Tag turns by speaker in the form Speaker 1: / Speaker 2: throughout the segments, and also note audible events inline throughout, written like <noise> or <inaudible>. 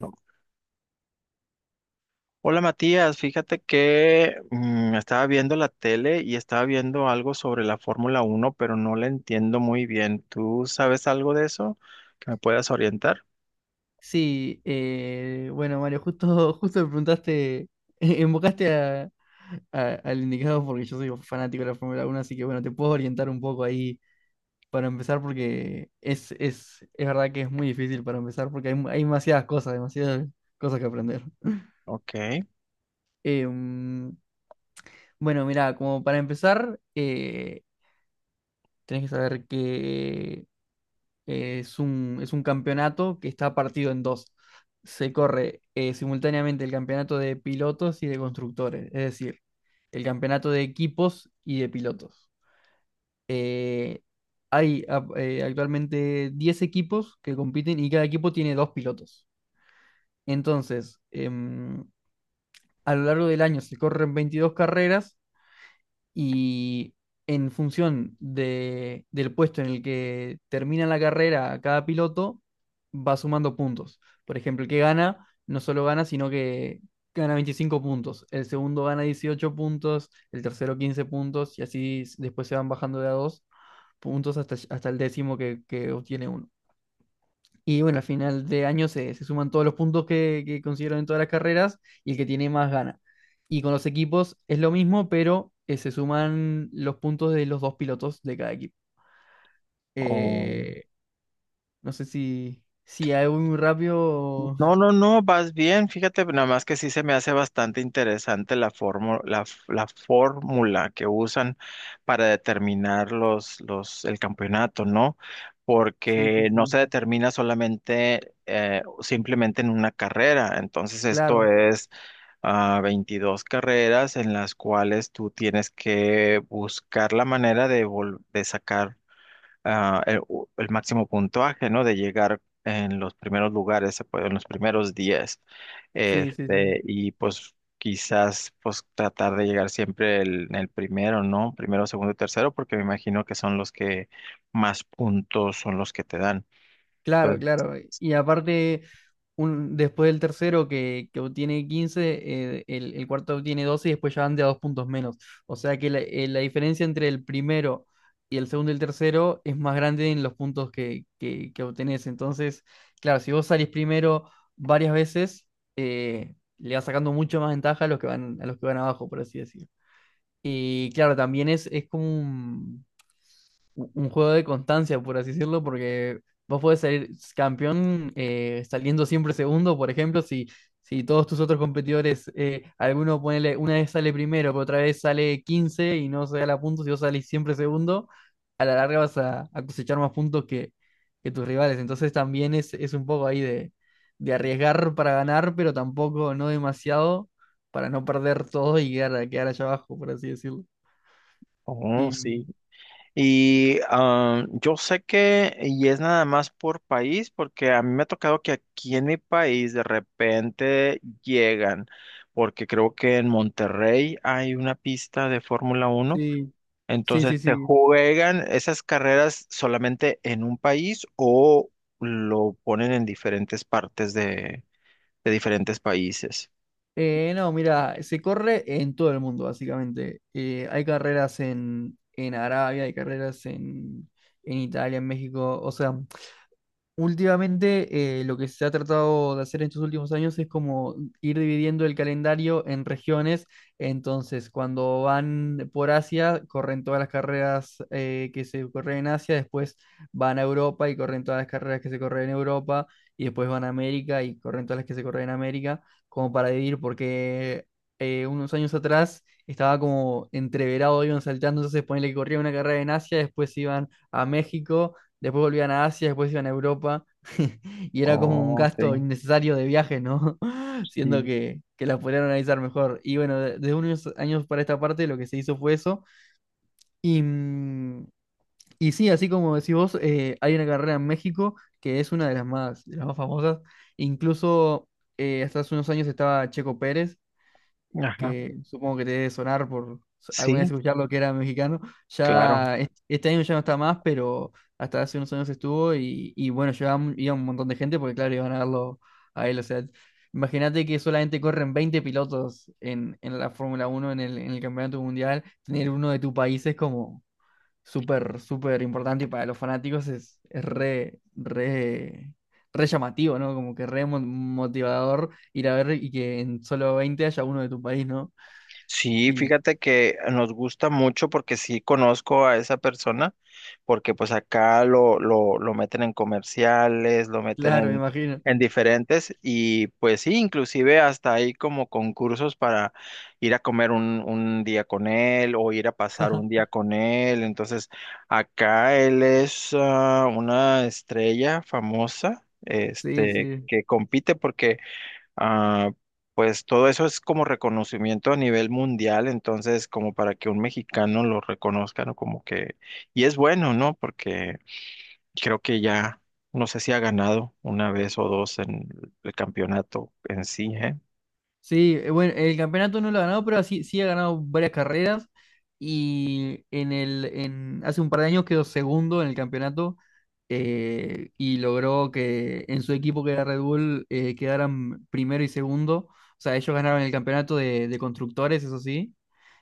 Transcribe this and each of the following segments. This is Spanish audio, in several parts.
Speaker 1: No. Hola Matías, fíjate que estaba viendo la tele y estaba viendo algo sobre la Fórmula Uno, pero no la entiendo muy bien. ¿Tú sabes algo de eso que me puedas orientar?
Speaker 2: Sí, bueno, Mario, justo, <laughs> justo me preguntaste, <laughs> invocaste a, al indicado porque yo soy fanático de la Fórmula 1, así que bueno, te puedo orientar un poco ahí para empezar porque es verdad que es muy difícil para empezar porque hay demasiadas cosas que aprender.
Speaker 1: Ok.
Speaker 2: Em, bueno, mira, como para empezar, tenés que saber que es un campeonato que está partido en dos. Se corre simultáneamente el campeonato de pilotos y de constructores, es decir, el campeonato de equipos y de pilotos. Hay actualmente 10 equipos que compiten y cada equipo tiene 2 pilotos. Entonces, a lo largo del año se corren 22 carreras, y en función del puesto en el que termina la carrera cada piloto, va sumando puntos. Por ejemplo, el que gana, no solo gana, sino que gana 25 puntos. El segundo gana 18 puntos, el tercero 15 puntos, y así después se van bajando de a 2 puntos hasta, hasta el décimo que obtiene uno. Y bueno, al final de año se suman todos los puntos que consiguieron en todas las carreras y el que tiene más gana. Y con los equipos es lo mismo, pero se suman los puntos de los dos pilotos de cada equipo.
Speaker 1: Oh.
Speaker 2: Eh, no sé si hago muy rápido. O-
Speaker 1: No, no, no, vas bien. Fíjate, nada más que sí se me hace bastante interesante la fórmula, la fórmula que usan para determinar el campeonato, ¿no?
Speaker 2: Sí, sí,
Speaker 1: Porque no se
Speaker 2: sí.
Speaker 1: determina solamente, simplemente en una carrera. Entonces, esto
Speaker 2: Claro,
Speaker 1: es 22 carreras en las cuales tú tienes que buscar la manera de, de sacar ah, el, el máximo puntaje, ¿no? De llegar en los primeros lugares, en los primeros 10.
Speaker 2: sí, sí, sí.
Speaker 1: Este, y pues quizás pues tratar de llegar siempre en el primero, ¿no? Primero, segundo y tercero, porque me imagino que son los que más puntos son los que te dan.
Speaker 2: Claro,
Speaker 1: Entonces,
Speaker 2: claro. Y aparte, un, después del tercero que obtiene 15, el cuarto obtiene 12 y después ya van de a 2 puntos menos. O sea que la diferencia entre el primero y el segundo y el tercero es más grande en los puntos que obtenés. Entonces, claro, si vos salís primero varias veces, le vas sacando mucho más ventaja a los que van, a los que van abajo, por así decirlo. Y claro, también es como un juego de constancia, por así decirlo, porque vos podés salir campeón saliendo siempre segundo, por ejemplo, si todos tus otros competidores, alguno ponele, una vez sale primero, pero otra vez sale 15 y no se da la puntos, si vos salís siempre segundo, a la larga vas a cosechar más puntos que tus rivales. Entonces también es un poco ahí de arriesgar para ganar, pero tampoco no demasiado para no perder todo y quedar, quedar allá abajo, por así decirlo.
Speaker 1: oh,
Speaker 2: Y
Speaker 1: sí. Y yo sé que, y es nada más por país, porque a mí me ha tocado que aquí en mi país de repente llegan, porque creo que en Monterrey hay una pista de Fórmula uno,
Speaker 2: sí. Sí,
Speaker 1: entonces
Speaker 2: sí,
Speaker 1: se
Speaker 2: sí.
Speaker 1: juegan esas carreras solamente en un país o lo ponen en diferentes partes de diferentes países.
Speaker 2: No, mira, se corre en todo el mundo, básicamente. Hay carreras en Arabia, hay carreras en Italia, en México. O sea, últimamente, lo que se ha tratado de hacer en estos últimos años es como ir dividiendo el calendario en regiones. Entonces, cuando van por Asia, corren todas las carreras que se corren en Asia, después van a Europa y corren todas las carreras que se corren en Europa, y después van a América y corren todas las que se corren en América, como para dividir, porque unos años atrás estaba como entreverado, iban saltando, entonces ponele que corría una carrera en Asia, después iban a México, después volvían a Asia, después iban a Europa, <laughs> y era como un
Speaker 1: Oh, ok,
Speaker 2: gasto innecesario de viaje, ¿no? <laughs> Siendo
Speaker 1: sí.
Speaker 2: que las podrían organizar mejor. Y bueno, desde unos años para esta parte lo que se hizo fue eso. Y, y sí, así como decís vos, hay una carrera en México que es una de las más famosas. Incluso hasta hace unos años estaba Checo Pérez,
Speaker 1: Ajá.
Speaker 2: que supongo que te debe sonar por alguna vez
Speaker 1: Sí,
Speaker 2: escuchar lo que era mexicano.
Speaker 1: claro.
Speaker 2: Este año ya no está más, pero hasta hace unos años estuvo y bueno, iba un montón de gente porque claro, iban a verlo a él. O sea, imagínate que solamente corren 20 pilotos en la Fórmula Uno en en el Campeonato Mundial. Tener uno de tu país es como súper, súper importante y para los fanáticos es re, re... Re llamativo, ¿no? Como que re motivador ir a ver y que en solo 20 haya uno de tu país, ¿no?
Speaker 1: Sí,
Speaker 2: Y
Speaker 1: fíjate que nos gusta mucho porque sí conozco a esa persona, porque pues acá lo meten en comerciales, lo meten
Speaker 2: claro, me imagino.
Speaker 1: en diferentes y pues sí, inclusive hasta hay como concursos para ir a comer un día con él o ir a pasar un día con él. Entonces, acá él es una estrella famosa,
Speaker 2: Sí,
Speaker 1: este,
Speaker 2: sí.
Speaker 1: que compite porque... Ah, pues todo eso es como reconocimiento a nivel mundial, entonces como para que un mexicano lo reconozca, ¿no? Como que, y es bueno, ¿no? Porque creo que ya, no sé si ha ganado una vez o dos en el campeonato en sí, ¿eh?
Speaker 2: Sí, bueno, el campeonato no lo ha ganado, pero sí, sí ha ganado varias carreras y en el, en, hace un par de años quedó segundo en el campeonato y logró que en su equipo, que era Red Bull, quedaran primero y segundo. O sea, ellos ganaron el campeonato de constructores, eso sí,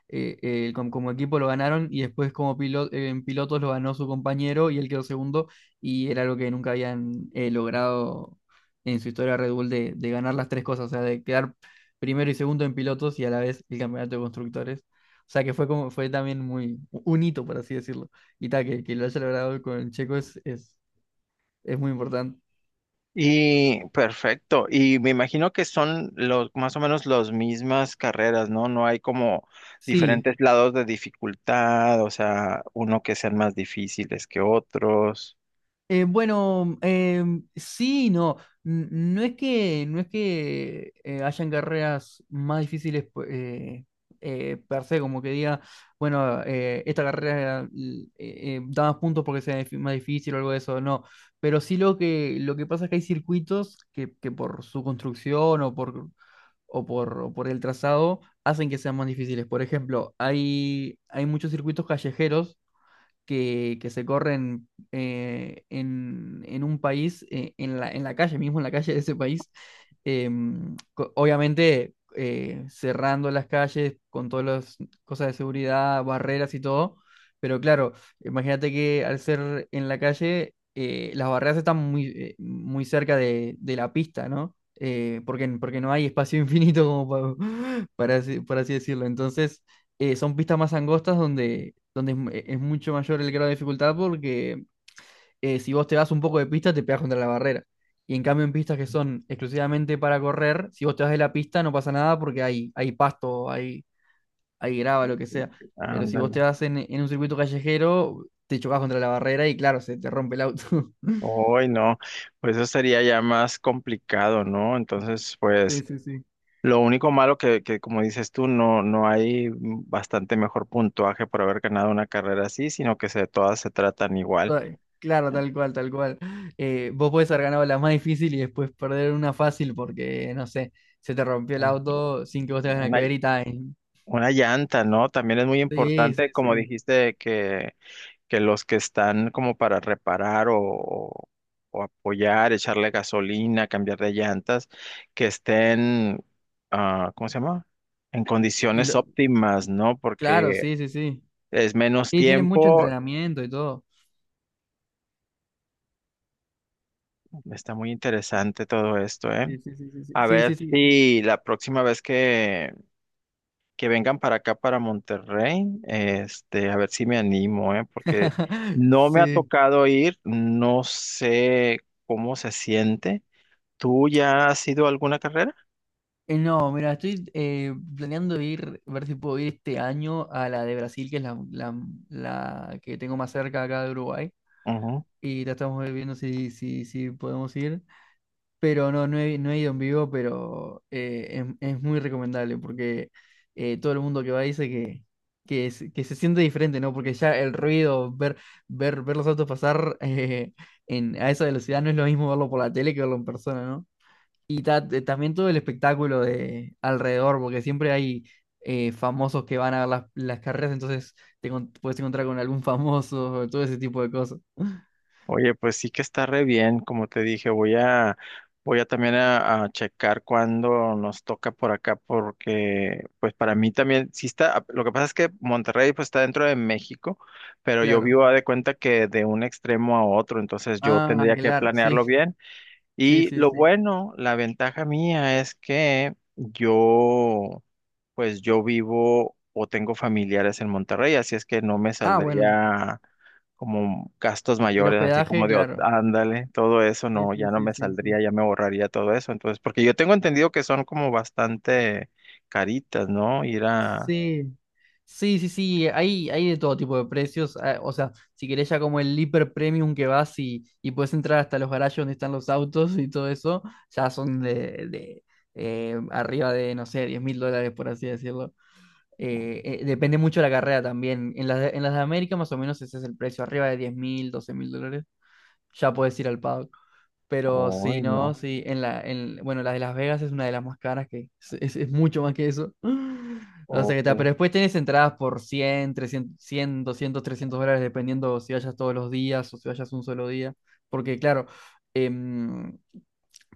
Speaker 2: equipo lo ganaron y después como en pilotos lo ganó su compañero y él quedó segundo y era algo que nunca habían logrado en su historia Red Bull de ganar las tres cosas, o sea, de quedar primero y segundo en pilotos y a la vez el campeonato de constructores. O sea que fue como, fue también muy un hito, por así decirlo. Y tal, que lo haya logrado con Checo es muy importante.
Speaker 1: Y perfecto, y me imagino que son los más o menos las mismas carreras, ¿no? No hay como
Speaker 2: Sí,
Speaker 1: diferentes lados de dificultad, o sea, uno que sean más difíciles que otros.
Speaker 2: eh, bueno, sí, y no. No es que, no es que hayan carreras más difíciles per se, como que diga, bueno, esta carrera da más puntos porque sea más difícil o algo de eso, no. Pero sí lo lo que pasa es que hay circuitos que por su construcción o por, o por, o por el trazado hacen que sean más difíciles. Por ejemplo, hay muchos circuitos callejeros que se corren en un país, en la calle, mismo en la calle de ese país, obviamente cerrando las calles con todas las cosas de seguridad, barreras y todo, pero claro, imagínate que al ser en la calle, las barreras están muy, muy cerca de la pista, ¿no? Porque no hay espacio <laughs> infinito como <laughs> para, por así decirlo. Entonces, son pistas más angostas donde, donde es mucho mayor el grado de dificultad porque si vos te vas un poco de pista te pegas contra la barrera. Y en cambio en pistas que son exclusivamente para correr, si vos te vas de la pista no pasa nada porque hay pasto, hay grava, lo que sea. Pero si vos te
Speaker 1: Ándale.
Speaker 2: vas en un circuito callejero, te chocas contra la barrera y claro, se te rompe el auto. <laughs>
Speaker 1: Hoy no, pues eso sería ya más complicado, ¿no? Entonces,
Speaker 2: Sí,
Speaker 1: pues
Speaker 2: sí, sí.
Speaker 1: lo único malo que como dices tú, no, no hay bastante mejor puntuaje por haber ganado una carrera así, sino que se, todas se tratan igual.
Speaker 2: Ay, claro, tal cual, tal cual. Vos podés haber ganado la más difícil y después perder una fácil porque, no sé, se te rompió el
Speaker 1: Eh,
Speaker 2: auto sin que vos tengas nada que
Speaker 1: Una,
Speaker 2: ver y tal.
Speaker 1: una llanta, ¿no? También es muy
Speaker 2: Sí, sí,
Speaker 1: importante, como
Speaker 2: sí.
Speaker 1: dijiste, que los que están como para reparar o, o apoyar, echarle gasolina, cambiar de llantas, que estén, ah, ¿cómo se llama? En
Speaker 2: Y
Speaker 1: condiciones
Speaker 2: lo-
Speaker 1: óptimas, ¿no?
Speaker 2: claro,
Speaker 1: Porque
Speaker 2: sí, sí, sí.
Speaker 1: es menos
Speaker 2: Y tiene mucho
Speaker 1: tiempo.
Speaker 2: entrenamiento y todo.
Speaker 1: Está muy interesante todo esto, ¿eh?
Speaker 2: Sí, sí, sí, sí,
Speaker 1: A
Speaker 2: sí, sí, sí.
Speaker 1: ver
Speaker 2: Sí.
Speaker 1: si la próxima vez que vengan para acá, para Monterrey, este, a ver si me animo, ¿eh? Porque
Speaker 2: <laughs>
Speaker 1: no me ha
Speaker 2: Sí.
Speaker 1: tocado ir, no sé cómo se siente. ¿Tú ya has ido a alguna carrera?
Speaker 2: No, mira, estoy planeando ir, ver si puedo ir este año a la de Brasil, que es la, la que tengo más cerca acá de Uruguay.
Speaker 1: Ujú.
Speaker 2: Y la estamos viendo si podemos ir. Pero no, no he ido en vivo, pero es muy recomendable porque todo el mundo que va dice que se siente diferente, ¿no? Porque ya el ruido, ver, ver, ver los autos pasar <laughs> a esa velocidad no es lo mismo verlo por la tele que verlo en persona, ¿no? Y también todo el espectáculo de alrededor, porque siempre hay famosos que van a ver las carreras, entonces puedes encontrar con algún famoso, <laughs> todo ese tipo de cosas. <laughs>
Speaker 1: Oye, pues sí que está re bien, como te dije, voy a, voy a también a checar cuándo nos toca por acá, porque pues para mí también, sí está, lo que pasa es que Monterrey pues está dentro de México, pero yo
Speaker 2: Claro.
Speaker 1: vivo a de cuenta que de un extremo a otro, entonces yo
Speaker 2: Ah,
Speaker 1: tendría que
Speaker 2: claro, sí,
Speaker 1: planearlo bien.
Speaker 2: sí,
Speaker 1: Y
Speaker 2: sí,
Speaker 1: lo
Speaker 2: sí.
Speaker 1: bueno, la ventaja mía es que yo, pues yo vivo o tengo familiares en Monterrey, así es que no me
Speaker 2: Ah, bueno.
Speaker 1: saldría como gastos
Speaker 2: El
Speaker 1: mayores, así
Speaker 2: hospedaje,
Speaker 1: como de, "Oh,
Speaker 2: claro.
Speaker 1: ándale, todo eso,
Speaker 2: Sí,
Speaker 1: no,
Speaker 2: sí,
Speaker 1: ya no
Speaker 2: sí,
Speaker 1: me
Speaker 2: sí, sí.
Speaker 1: saldría, ya me borraría todo eso. Entonces, porque yo tengo entendido que son como bastante caritas, ¿no? Ir a,
Speaker 2: Sí, sí, sí, sí. Hay de todo tipo de precios. Ah, o sea, si querés ya como el hiper premium que vas y puedes entrar hasta los garajes donde están los autos y todo eso, ya son de, arriba de, no sé, 10.000 dólares, por así decirlo. Depende mucho de la carrera también. En las de América más o menos ese es el precio, arriba de 10.000, 12.000 dólares. Ya puedes ir al paddock. Pero sí,
Speaker 1: uy,
Speaker 2: no,
Speaker 1: no,
Speaker 2: sí, en la, en, bueno, la de Las Vegas es una de las más caras que es mucho más que eso. <gasps> O sea que está, pero
Speaker 1: ok,
Speaker 2: después tienes entradas por 100, 300, 100, 200, 300 dólares, dependiendo si vayas todos los días o si vayas un solo día. Porque claro, em,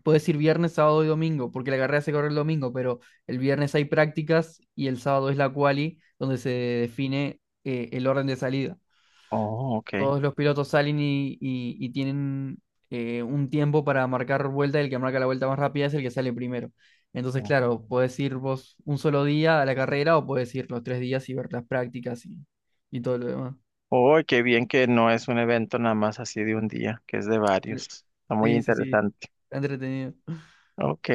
Speaker 2: puedes ir viernes, sábado y domingo, porque la carrera se corre el domingo, pero el viernes hay prácticas y el sábado es la quali, donde se define el orden de salida
Speaker 1: oh, ok.
Speaker 2: todos los pilotos salen y, y tienen un tiempo para marcar vuelta y el que marca la vuelta más rápida es el que sale primero. Entonces,
Speaker 1: No.
Speaker 2: claro, puedes ir vos un solo día a la carrera o puedes ir los tres días y ver las prácticas y todo lo demás.
Speaker 1: Uy, qué bien que no es un evento nada más así de un día, que es de varios. Está muy
Speaker 2: Sí, sí, sí,
Speaker 1: interesante.
Speaker 2: está entretenido.
Speaker 1: Ok.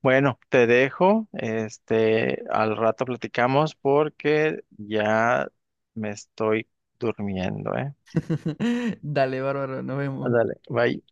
Speaker 1: Bueno, te dejo. Este, al rato platicamos porque ya me estoy durmiendo, ¿eh?
Speaker 2: <laughs> Dale, bárbaro, nos vemos.
Speaker 1: Ándale, bye.